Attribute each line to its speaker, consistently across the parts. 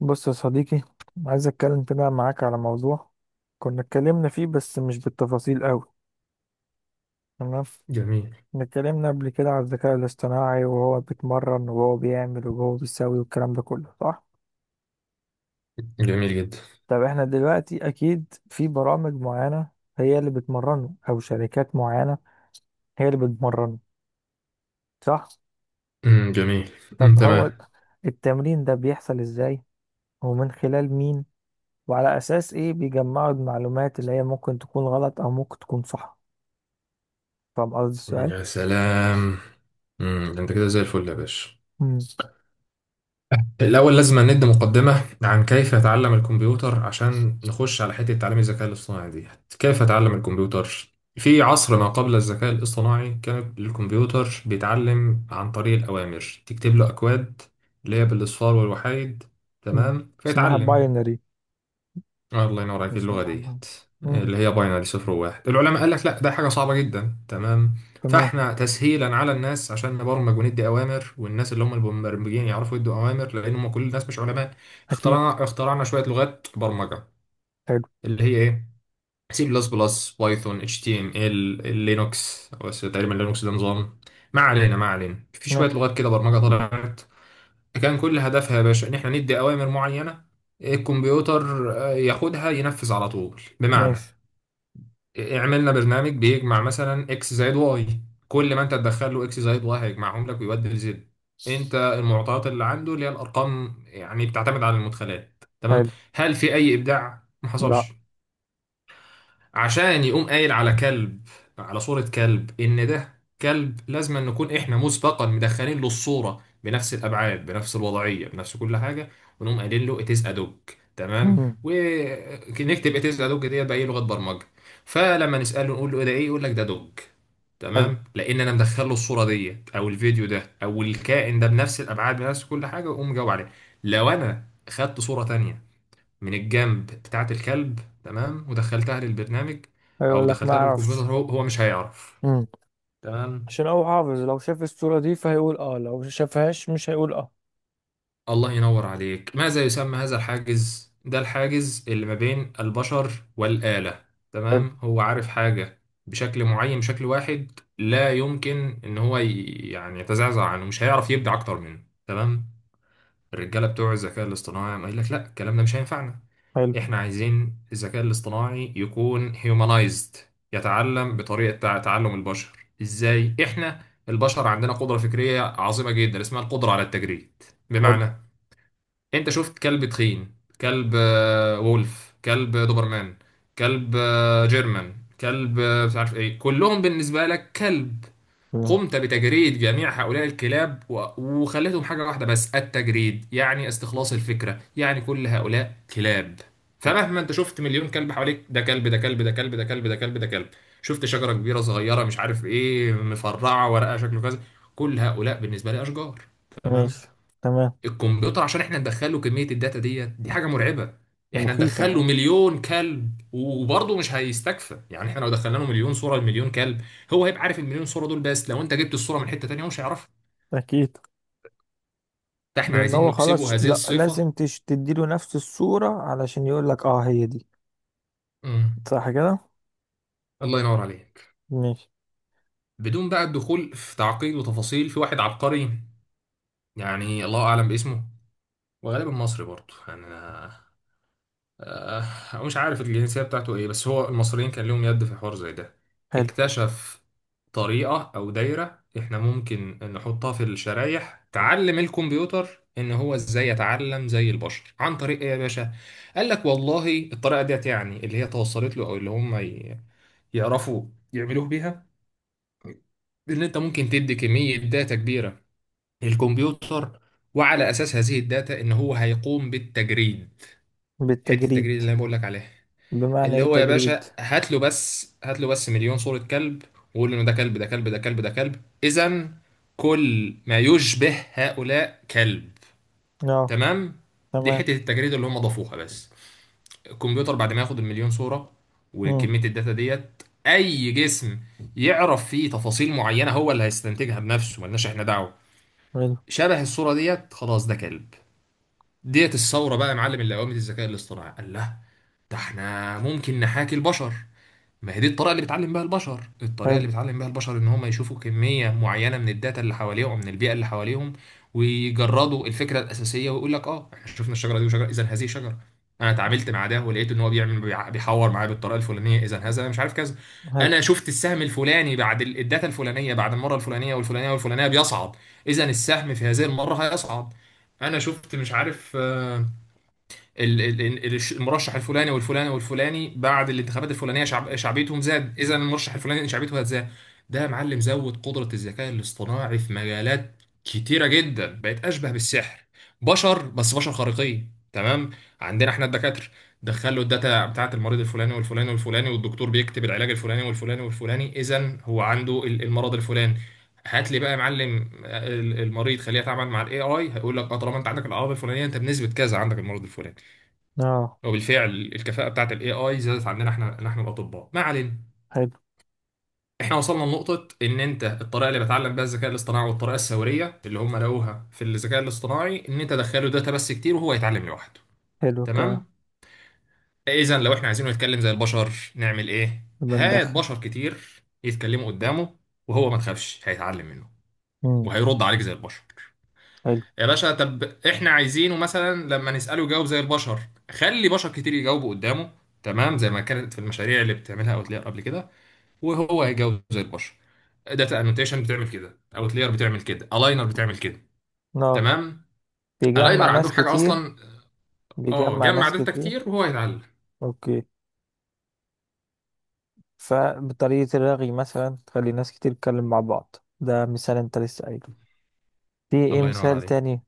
Speaker 1: بص يا صديقي، عايز اتكلم كده معاك على موضوع كنا اتكلمنا فيه بس مش بالتفاصيل قوي. تمام.
Speaker 2: جميل،
Speaker 1: كنا اتكلمنا قبل كده على الذكاء الاصطناعي، وهو بيتمرن وهو بيعمل وهو بيسوي والكلام ده كله صح.
Speaker 2: جميل جدا.
Speaker 1: طب احنا دلوقتي اكيد في برامج معينة هي اللي بتمرنه، او شركات معينة هي اللي بتمرنه، صح؟
Speaker 2: امم، جميل. امم،
Speaker 1: طب هو
Speaker 2: تمام.
Speaker 1: التمرين ده بيحصل ازاي؟ ومن خلال مين؟ وعلى اساس ايه بيجمعوا المعلومات اللي هي ممكن تكون غلط او ممكن تكون صح؟ فاهم قصدي السؤال؟
Speaker 2: يا سلام. امم، ده انت كده زي الفل يا باشا.
Speaker 1: مم.
Speaker 2: الاول لازم ندي مقدمه عن كيف يتعلم الكمبيوتر عشان نخش على حته تعليم الذكاء الاصطناعي دي. كيف اتعلم الكمبيوتر؟ في عصر ما قبل الذكاء الاصطناعي كان الكمبيوتر بيتعلم عن طريق الاوامر، تكتب له اكواد اللي هي بالاصفار والوحايد،
Speaker 1: مم.
Speaker 2: تمام،
Speaker 1: اسمها
Speaker 2: فيتعلم.
Speaker 1: باينري.
Speaker 2: آه، الله ينور عليك اللغة
Speaker 1: اسمها باينري.
Speaker 2: ديت.
Speaker 1: مم.
Speaker 2: اللي هي باينري، صفر وواحد. العلماء قال لك لا، ده حاجة صعبة جدا، تمام.
Speaker 1: تمام.
Speaker 2: فاحنا تسهيلا على الناس عشان نبرمج وندي اوامر، والناس اللي هم المبرمجين يعرفوا يدوا اوامر، لان هم كل الناس مش علماء.
Speaker 1: اكيد.
Speaker 2: اخترعنا شوية لغات برمجة.
Speaker 1: حلو.
Speaker 2: اللي هي ايه؟ سي بلس بلس، بايثون، اتش تي ام ال، لينوكس، بس تقريبا لينوكس ده نظام. ما علينا، ما علينا. في شوية
Speaker 1: ماشي.
Speaker 2: لغات كده برمجة طلعت، كان كل هدفها يا باشا ان احنا ندي اوامر معينه الكمبيوتر ياخدها ينفذ على طول. بمعنى،
Speaker 1: ماشي.
Speaker 2: عملنا برنامج بيجمع مثلا اكس زائد واي. كل ما انت تدخل له اكس زائد واي هيجمعهم لك ويودي لزد. انت المعطيات اللي عنده اللي هي الارقام يعني بتعتمد على المدخلات، تمام.
Speaker 1: حلو.
Speaker 2: هل في اي ابداع؟ ما
Speaker 1: لا.
Speaker 2: حصلش. عشان يقوم قايل على كلب، على صورة كلب، إن ده كلب، لازم أن نكون إحنا مسبقا مدخلين له الصورة بنفس الأبعاد، بنفس الوضعية، بنفس كل حاجة. ونقوم قايلين له it is a dog، تمام.
Speaker 1: مم.
Speaker 2: ونكتب it is a dog ديت بأي لغة برمجة. فلما نسأله نقول له إيه ده، إيه؟ يقول لك ده دوج.
Speaker 1: حلو.
Speaker 2: تمام، لأن أنا مدخل له الصورة ديت أو الفيديو ده أو الكائن ده بنفس الأبعاد، بنفس كل حاجة، ويقوم جاوب عليه. لو أنا خدت صورة تانية من الجنب بتاعة الكلب، تمام، ودخلتها للبرنامج أو
Speaker 1: هيقول لك ما
Speaker 2: دخلتها
Speaker 1: اعرفش.
Speaker 2: للكمبيوتر، هو مش هيعرف،
Speaker 1: مم.
Speaker 2: تمام.
Speaker 1: عشان هو حافظ، لو شاف الصورة دي فهيقول اه، لو ما شافهاش مش هيقول اه.
Speaker 2: الله ينور عليك. ماذا يسمى هذا الحاجز؟ ده الحاجز اللي ما بين البشر والآلة،
Speaker 1: حلو.
Speaker 2: تمام. هو عارف حاجة بشكل معين، بشكل واحد، لا يمكن ان هو يعني يتزعزع عنه، مش هيعرف يبدع اكتر منه، تمام. الرجاله بتوع الذكاء الاصطناعي قايل لك لا، الكلام ده مش هينفعنا.
Speaker 1: حلو.
Speaker 2: احنا عايزين الذكاء الاصطناعي يكون هيومنايزد، يتعلم بطريقة تعلم البشر. ازاي؟ احنا البشر عندنا قدرة فكرية عظيمة جدا اسمها القدرة على التجريد.
Speaker 1: حلو.
Speaker 2: بمعنى، انت شفت كلب تخين، كلب وولف، كلب دوبرمان، كلب جيرمان، كلب مش عارف ايه، كلهم بالنسبة لك كلب.
Speaker 1: مم.
Speaker 2: قمت بتجريد جميع هؤلاء الكلاب وخليتهم حاجة واحدة. بس التجريد يعني استخلاص الفكرة، يعني كل هؤلاء كلاب. فمهما انت شفت مليون كلب حواليك، ده كلب، ده كلب، ده كلب، ده كلب، ده كلب، ده كلب. شفت شجرة كبيرة، صغيرة، مش عارف ايه، مفرعة، ورقها شكله كذا، كل هؤلاء بالنسبة لي أشجار، تمام.
Speaker 1: ماشي. تمام.
Speaker 2: الكمبيوتر عشان احنا ندخله كمية الداتا ديت، دي حاجة مرعبة.
Speaker 1: ده
Speaker 2: احنا
Speaker 1: مخيفة
Speaker 2: ندخله
Speaker 1: اه.
Speaker 2: مليون كلب وبرضه مش هيستكفى، يعني احنا لو دخلنا له مليون صورة لمليون كلب، هو هيبقى عارف المليون صورة دول، بس لو انت جبت الصورة من حتة تانية هو مش هيعرفها.
Speaker 1: اكيد.
Speaker 2: فاحنا
Speaker 1: لان
Speaker 2: عايزين
Speaker 1: هو خلاص
Speaker 2: نكسبه هذه
Speaker 1: لا،
Speaker 2: الصفة.
Speaker 1: لازم تديله نفس الصورة علشان يقول لك اه هي دي.
Speaker 2: امم
Speaker 1: صح كده؟
Speaker 2: الله ينور عليك.
Speaker 1: ماشي.
Speaker 2: بدون بقى الدخول في تعقيد وتفاصيل، في واحد عبقري، يعني الله اعلم باسمه، وغالبا مصري برضه يعني. مش عارف الجنسية بتاعته ايه، بس هو المصريين كان لهم يد في حوار زي ده.
Speaker 1: حلو.
Speaker 2: اكتشف طريقة او دايرة احنا ممكن نحطها في الشرايح تعلم الكمبيوتر ان هو ازاي يتعلم زي البشر. عن طريق ايه يا باشا؟ قال لك والله الطريقة ديت، يعني اللي هي توصلت له او اللي هم يعرفوا يعملوه بيها، ان انت ممكن تدي كمية داتا كبيرة للكمبيوتر، وعلى اساس هذه الداتا ان هو هيقوم بالتجريد. حتة التجريد
Speaker 1: بالتجريد.
Speaker 2: اللي انا بقول لك عليها
Speaker 1: بمعنى
Speaker 2: اللي
Speaker 1: ايه
Speaker 2: هو يا
Speaker 1: تجريد؟
Speaker 2: باشا، هات له بس، هات له بس مليون صورة كلب، وقول له إن ده كلب، ده كلب، ده كلب، ده كلب، إذا كل ما يشبه هؤلاء كلب،
Speaker 1: اه.
Speaker 2: تمام. دي
Speaker 1: تمام.
Speaker 2: حتة التجريد اللي هم ضافوها. بس الكمبيوتر بعد ما ياخد المليون صورة
Speaker 1: امم.
Speaker 2: وكمية الداتا ديت، أي جسم يعرف فيه تفاصيل معينة هو اللي هيستنتجها بنفسه، ملناش إحنا دعوة.
Speaker 1: حلو.
Speaker 2: شبه الصورة ديت، خلاص ده كلب. ديت الثورة بقى يا معلم اللي قامت. الذكاء الاصطناعي قال لا، ده احنا ممكن نحاكي البشر. ما هي دي الطريقه اللي بيتعلم بيها البشر. الطريقه
Speaker 1: حلو.
Speaker 2: اللي بيتعلم بيها البشر ان هم يشوفوا كميه معينه من الداتا اللي حواليهم، من البيئه اللي حواليهم، ويجردوا الفكره الاساسيه، ويقول لك اه، احنا شفنا الشجره دي وشجره، اذا هذه شجره. انا اتعاملت مع ده ولقيت ان هو بيحور معايا بالطريقه الفلانيه، اذا هذا مش عارف كذا.
Speaker 1: حلو.
Speaker 2: انا شفت السهم الفلاني بعد الداتا الفلانيه، بعد المره الفلانيه والفلانيه والفلانيه بيصعد، اذا السهم في هذه المره هيصعد. انا شفت مش عارف المرشح الفلاني والفلاني والفلاني بعد الانتخابات الفلانيه شعبيتهم زاد، اذا المرشح الفلاني شعبيته هتزاد. ده يا معلم زود قدره الذكاء الاصطناعي في مجالات كتيره جدا، بقت اشبه بالسحر، بشر بس بشر خارقين، تمام. عندنا احنا الدكاتره، دخلوا الداتا بتاعت المريض الفلاني والفلاني والفلاني والدكتور بيكتب العلاج الفلاني والفلاني والفلاني، اذا هو عنده المرض الفلاني. هات لي بقى يا معلم المريض، خليه يتعامل مع الاي اي، هيقول لك اه طالما انت عندك الاعراض الفلانيه انت بنسبه كذا عندك المرض الفلاني.
Speaker 1: اه.
Speaker 2: وبالفعل الكفاءة بتاعت الاي اي زادت عندنا احنا الاطباء، ما علينا.
Speaker 1: حلو.
Speaker 2: احنا وصلنا لنقطة ان انت الطريقة اللي بتعلم بيها الذكاء الاصطناعي والطريقة الثورية اللي هم لقوها في الذكاء الاصطناعي ان انت تدخله داتا بس كتير وهو يتعلم لوحده،
Speaker 1: حلو كده.
Speaker 2: تمام. اذا لو احنا عايزينه يتكلم زي البشر نعمل ايه؟
Speaker 1: يبقى
Speaker 2: هات
Speaker 1: ندخل.
Speaker 2: بشر كتير يتكلموا قدامه، وهو ما تخافش هيتعلم منه،
Speaker 1: امم.
Speaker 2: وهيرد عليك زي البشر.
Speaker 1: حلو.
Speaker 2: يا باشا، طب احنا عايزينه مثلا لما نسأله يجاوب زي البشر، خلي بشر كتير يجاوبوا قدامه، تمام، زي ما كانت في المشاريع اللي بتعملها اوتلاير قبل كده، وهو هيجاوب زي البشر. داتا انوتيشن بتعمل كده، اوتلاير بتعمل كده، الاينر بتعمل كده،
Speaker 1: اه.
Speaker 2: تمام.
Speaker 1: بيجمع
Speaker 2: الاينر عندهم
Speaker 1: ناس
Speaker 2: حاجه
Speaker 1: كتير.
Speaker 2: اصلا، اه،
Speaker 1: بيجمع
Speaker 2: جمع
Speaker 1: ناس
Speaker 2: داتا
Speaker 1: كتير.
Speaker 2: كتير وهو يتعلم.
Speaker 1: اوكي. فبطريقة الرغي مثلا تخلي ناس كتير تتكلم مع بعض، ده مثال انت لسه قايله. في ايه
Speaker 2: الله ينور
Speaker 1: مثال
Speaker 2: عليك.
Speaker 1: تاني؟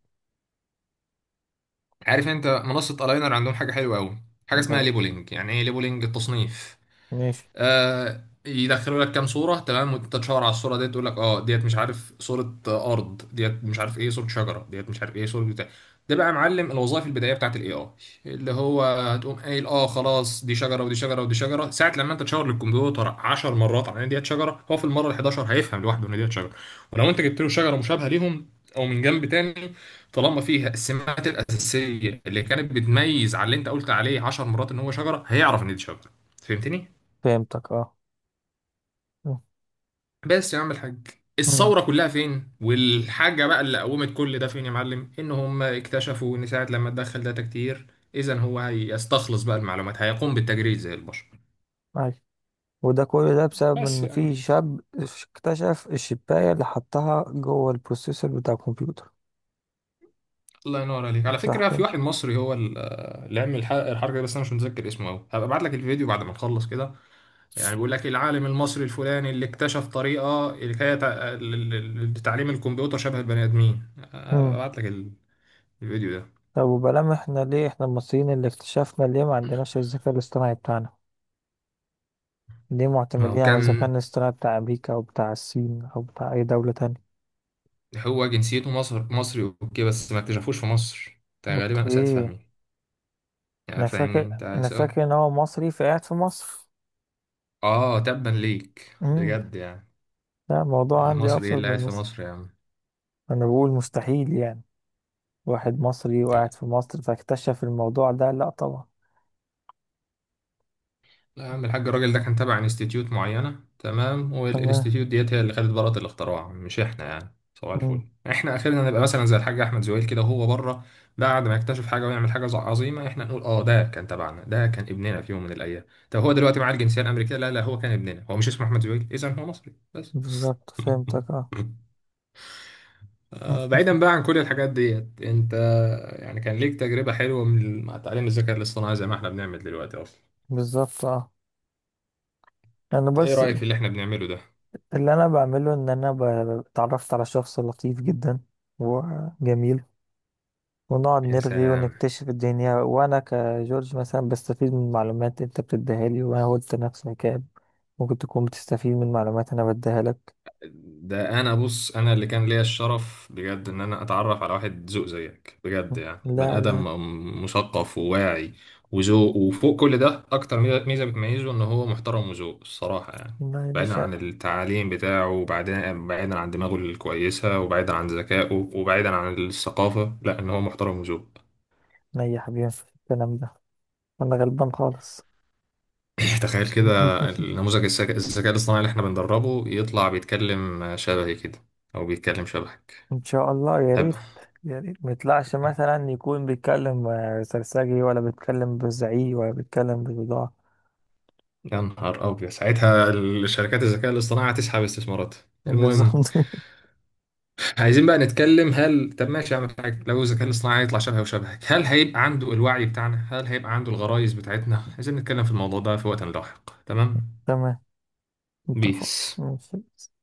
Speaker 2: عارف انت منصه الاينر عندهم حاجه حلوه قوي، حاجه اسمها
Speaker 1: لا،
Speaker 2: ليبلنج. يعني ايه ليبلنج؟ التصنيف.
Speaker 1: ماشي.
Speaker 2: آه، يدخلوا لك كام صورة، تمام، وانت تشاور على الصورة ديت تقول لك اه ديت مش عارف، صورة أرض، ديت مش عارف ايه صورة شجرة، ديت مش عارف ايه صورة بتاع. ده بقى يا معلم الوظائف البدائية بتاعت الاي اي، اللي هو هتقوم قايل اه خلاص دي شجرة ودي شجرة ودي شجرة. ساعة لما انت تشاور للكمبيوتر 10 مرات على ان ديت شجرة، هو في المرة ال 11 هيفهم لوحده ان ديت شجرة. ولو انت جبت له شجرة مشابهة ليهم، او من جنب تاني، طالما فيها السمات الأساسية اللي كانت بتميز على اللي انت قلت عليه 10 مرات ان هو شجرة، هيعرف ان دي شجرة. فهمتني؟
Speaker 1: فهمتك اه.
Speaker 2: بس يا عم الحاج،
Speaker 1: امم.
Speaker 2: الثورة كلها فين والحاجة بقى اللي قومت كل ده فين يا معلم؟ ان هم اكتشفوا ان ساعة لما تدخل داتا كتير، اذا هو هيستخلص بقى المعلومات، هيقوم بالتجريد زي البشر.
Speaker 1: ايوه. وده كل ده بسبب
Speaker 2: بس
Speaker 1: ان
Speaker 2: يا عم،
Speaker 1: في شاب اكتشف الشباية اللي حطها جوه البروسيسور بتاع الكمبيوتر.
Speaker 2: الله ينور عليك. على
Speaker 1: صح
Speaker 2: فكرة، في واحد مصري هو اللي عمل الحركة دي، بس انا مش متذكر اسمه قوي، هبقى ابعت لك الفيديو بعد ما نخلص كده. يعني بيقول لك العالم المصري الفلاني اللي اكتشف طريقة اللي هي لتعليم الكمبيوتر شبه البني ادمين. هبقى
Speaker 1: كده؟
Speaker 2: ابعت لك الفيديو ده.
Speaker 1: طب وبلام احنا، ليه احنا المصريين اللي اكتشفنا ليه ما عندناش الذكاء الاصطناعي بتاعنا؟ ليه
Speaker 2: ما
Speaker 1: معتمدين
Speaker 2: هو
Speaker 1: على الذكاء
Speaker 2: كان
Speaker 1: الاصطناعي بتاع امريكا او بتاع الصين او بتاع اي دولة تانية؟
Speaker 2: هو جنسيته مصر، مصري اوكي، بس ما اكتشفوش في مصر. انت غالبا اسأت
Speaker 1: اوكي.
Speaker 2: فهمي، يعني
Speaker 1: انا
Speaker 2: فاهمني
Speaker 1: فاكر،
Speaker 2: انت،
Speaker 1: انا
Speaker 2: أسأت.
Speaker 1: فاكر ان هو مصري فقاعد في مصر.
Speaker 2: اه، تبا ليك
Speaker 1: امم.
Speaker 2: بجد يعني.
Speaker 1: لا، الموضوع
Speaker 2: يعني
Speaker 1: عندي
Speaker 2: مصري ايه
Speaker 1: ابسط
Speaker 2: اللي قاعد
Speaker 1: من
Speaker 2: في
Speaker 1: مصر.
Speaker 2: مصر يا عم؟
Speaker 1: انا بقول مستحيل يعني واحد مصري
Speaker 2: لا،
Speaker 1: وقاعد في مصر فاكتشف الموضوع ده، لا طبعا.
Speaker 2: لا يا عم الحاج، الراجل ده كان تابع انستيتيوت معينة، تمام،
Speaker 1: تمام.
Speaker 2: والانستيتيوت ديت هي اللي خدت براءة الاختراع، مش احنا. يعني صباح
Speaker 1: امم.
Speaker 2: الفل، احنا اخرنا نبقى مثلا زي الحاج احمد زويل كده وهو بره، بعد ما يكتشف حاجه ويعمل حاجه عظيمه، احنا نقول اه ده كان تبعنا، ده كان ابننا في يوم من الايام. طب هو دلوقتي معاه الجنسيه الامريكيه؟ لا، لا، هو كان ابننا، هو مش اسمه احمد زويل، اذا هو مصري بس.
Speaker 1: بالظبط، فهمتك اه.
Speaker 2: بعيدا بقى عن كل الحاجات ديت، انت يعني كان ليك تجربة حلوة من مع تعليم الذكاء الاصطناعي زي ما احنا بنعمل دلوقتي اصلا؟
Speaker 1: بالظبط اه. انا
Speaker 2: ايه
Speaker 1: بس،
Speaker 2: رأيك في اللي احنا بنعمله ده؟
Speaker 1: اللي انا بعمله ان انا اتعرفت على شخص لطيف جدا وجميل، ونقعد
Speaker 2: يا
Speaker 1: نرغي
Speaker 2: سلام.
Speaker 1: ونكتشف الدنيا، وانا كجورج مثلا بستفيد من معلومات انت بتديها لي. وانا قلت نفس الكلام، ممكن تكون بتستفيد من معلومات انا بديها لك.
Speaker 2: ده انا بص، انا اللي كان ليا الشرف بجد ان انا اتعرف على واحد ذوق زيك، بجد يعني، بني
Speaker 1: لا
Speaker 2: ادم
Speaker 1: لا
Speaker 2: مثقف وواعي وذوق، وفوق كل ده اكتر ميزة بتميزه ان هو محترم وذوق الصراحه يعني.
Speaker 1: لا يا
Speaker 2: بعيدا
Speaker 1: باشا،
Speaker 2: عن التعليم بتاعه، وبعدين بعيدا عن دماغه الكويسه، وبعيدا عن ذكائه، وبعيدا عن الثقافه، لا، ان هو محترم وذوق.
Speaker 1: انا يا حبيبي مفيش الكلام ده، انا غلبان خالص.
Speaker 2: تخيل كده، النموذج الذكاء الاصطناعي اللي احنا بندربه يطلع بيتكلم شبهي كده، او بيتكلم شبهك.
Speaker 1: ان شاء الله، يا
Speaker 2: هبقى.
Speaker 1: ريت. يا ريت ما يطلعش مثلا يكون بيتكلم سرسجي، ولا بيتكلم بزعيق، ولا بيتكلم بضاعة.
Speaker 2: يا نهار أبيض، ساعتها الشركات الذكاء الاصطناعي هتسحب استثماراتها. المهم،
Speaker 1: بالظبط.
Speaker 2: عايزين بقى نتكلم، هل طب ماشي أعمل حاجة لو الذكاء الاصطناعي هيطلع شبهي وشبهك، هل هيبقى عنده الوعي بتاعنا؟ هل هيبقى عنده الغرائز بتاعتنا؟ عايزين نتكلم في الموضوع ده في وقت لاحق، تمام.
Speaker 1: تمام. اتفق.
Speaker 2: بيس.
Speaker 1: ماشي.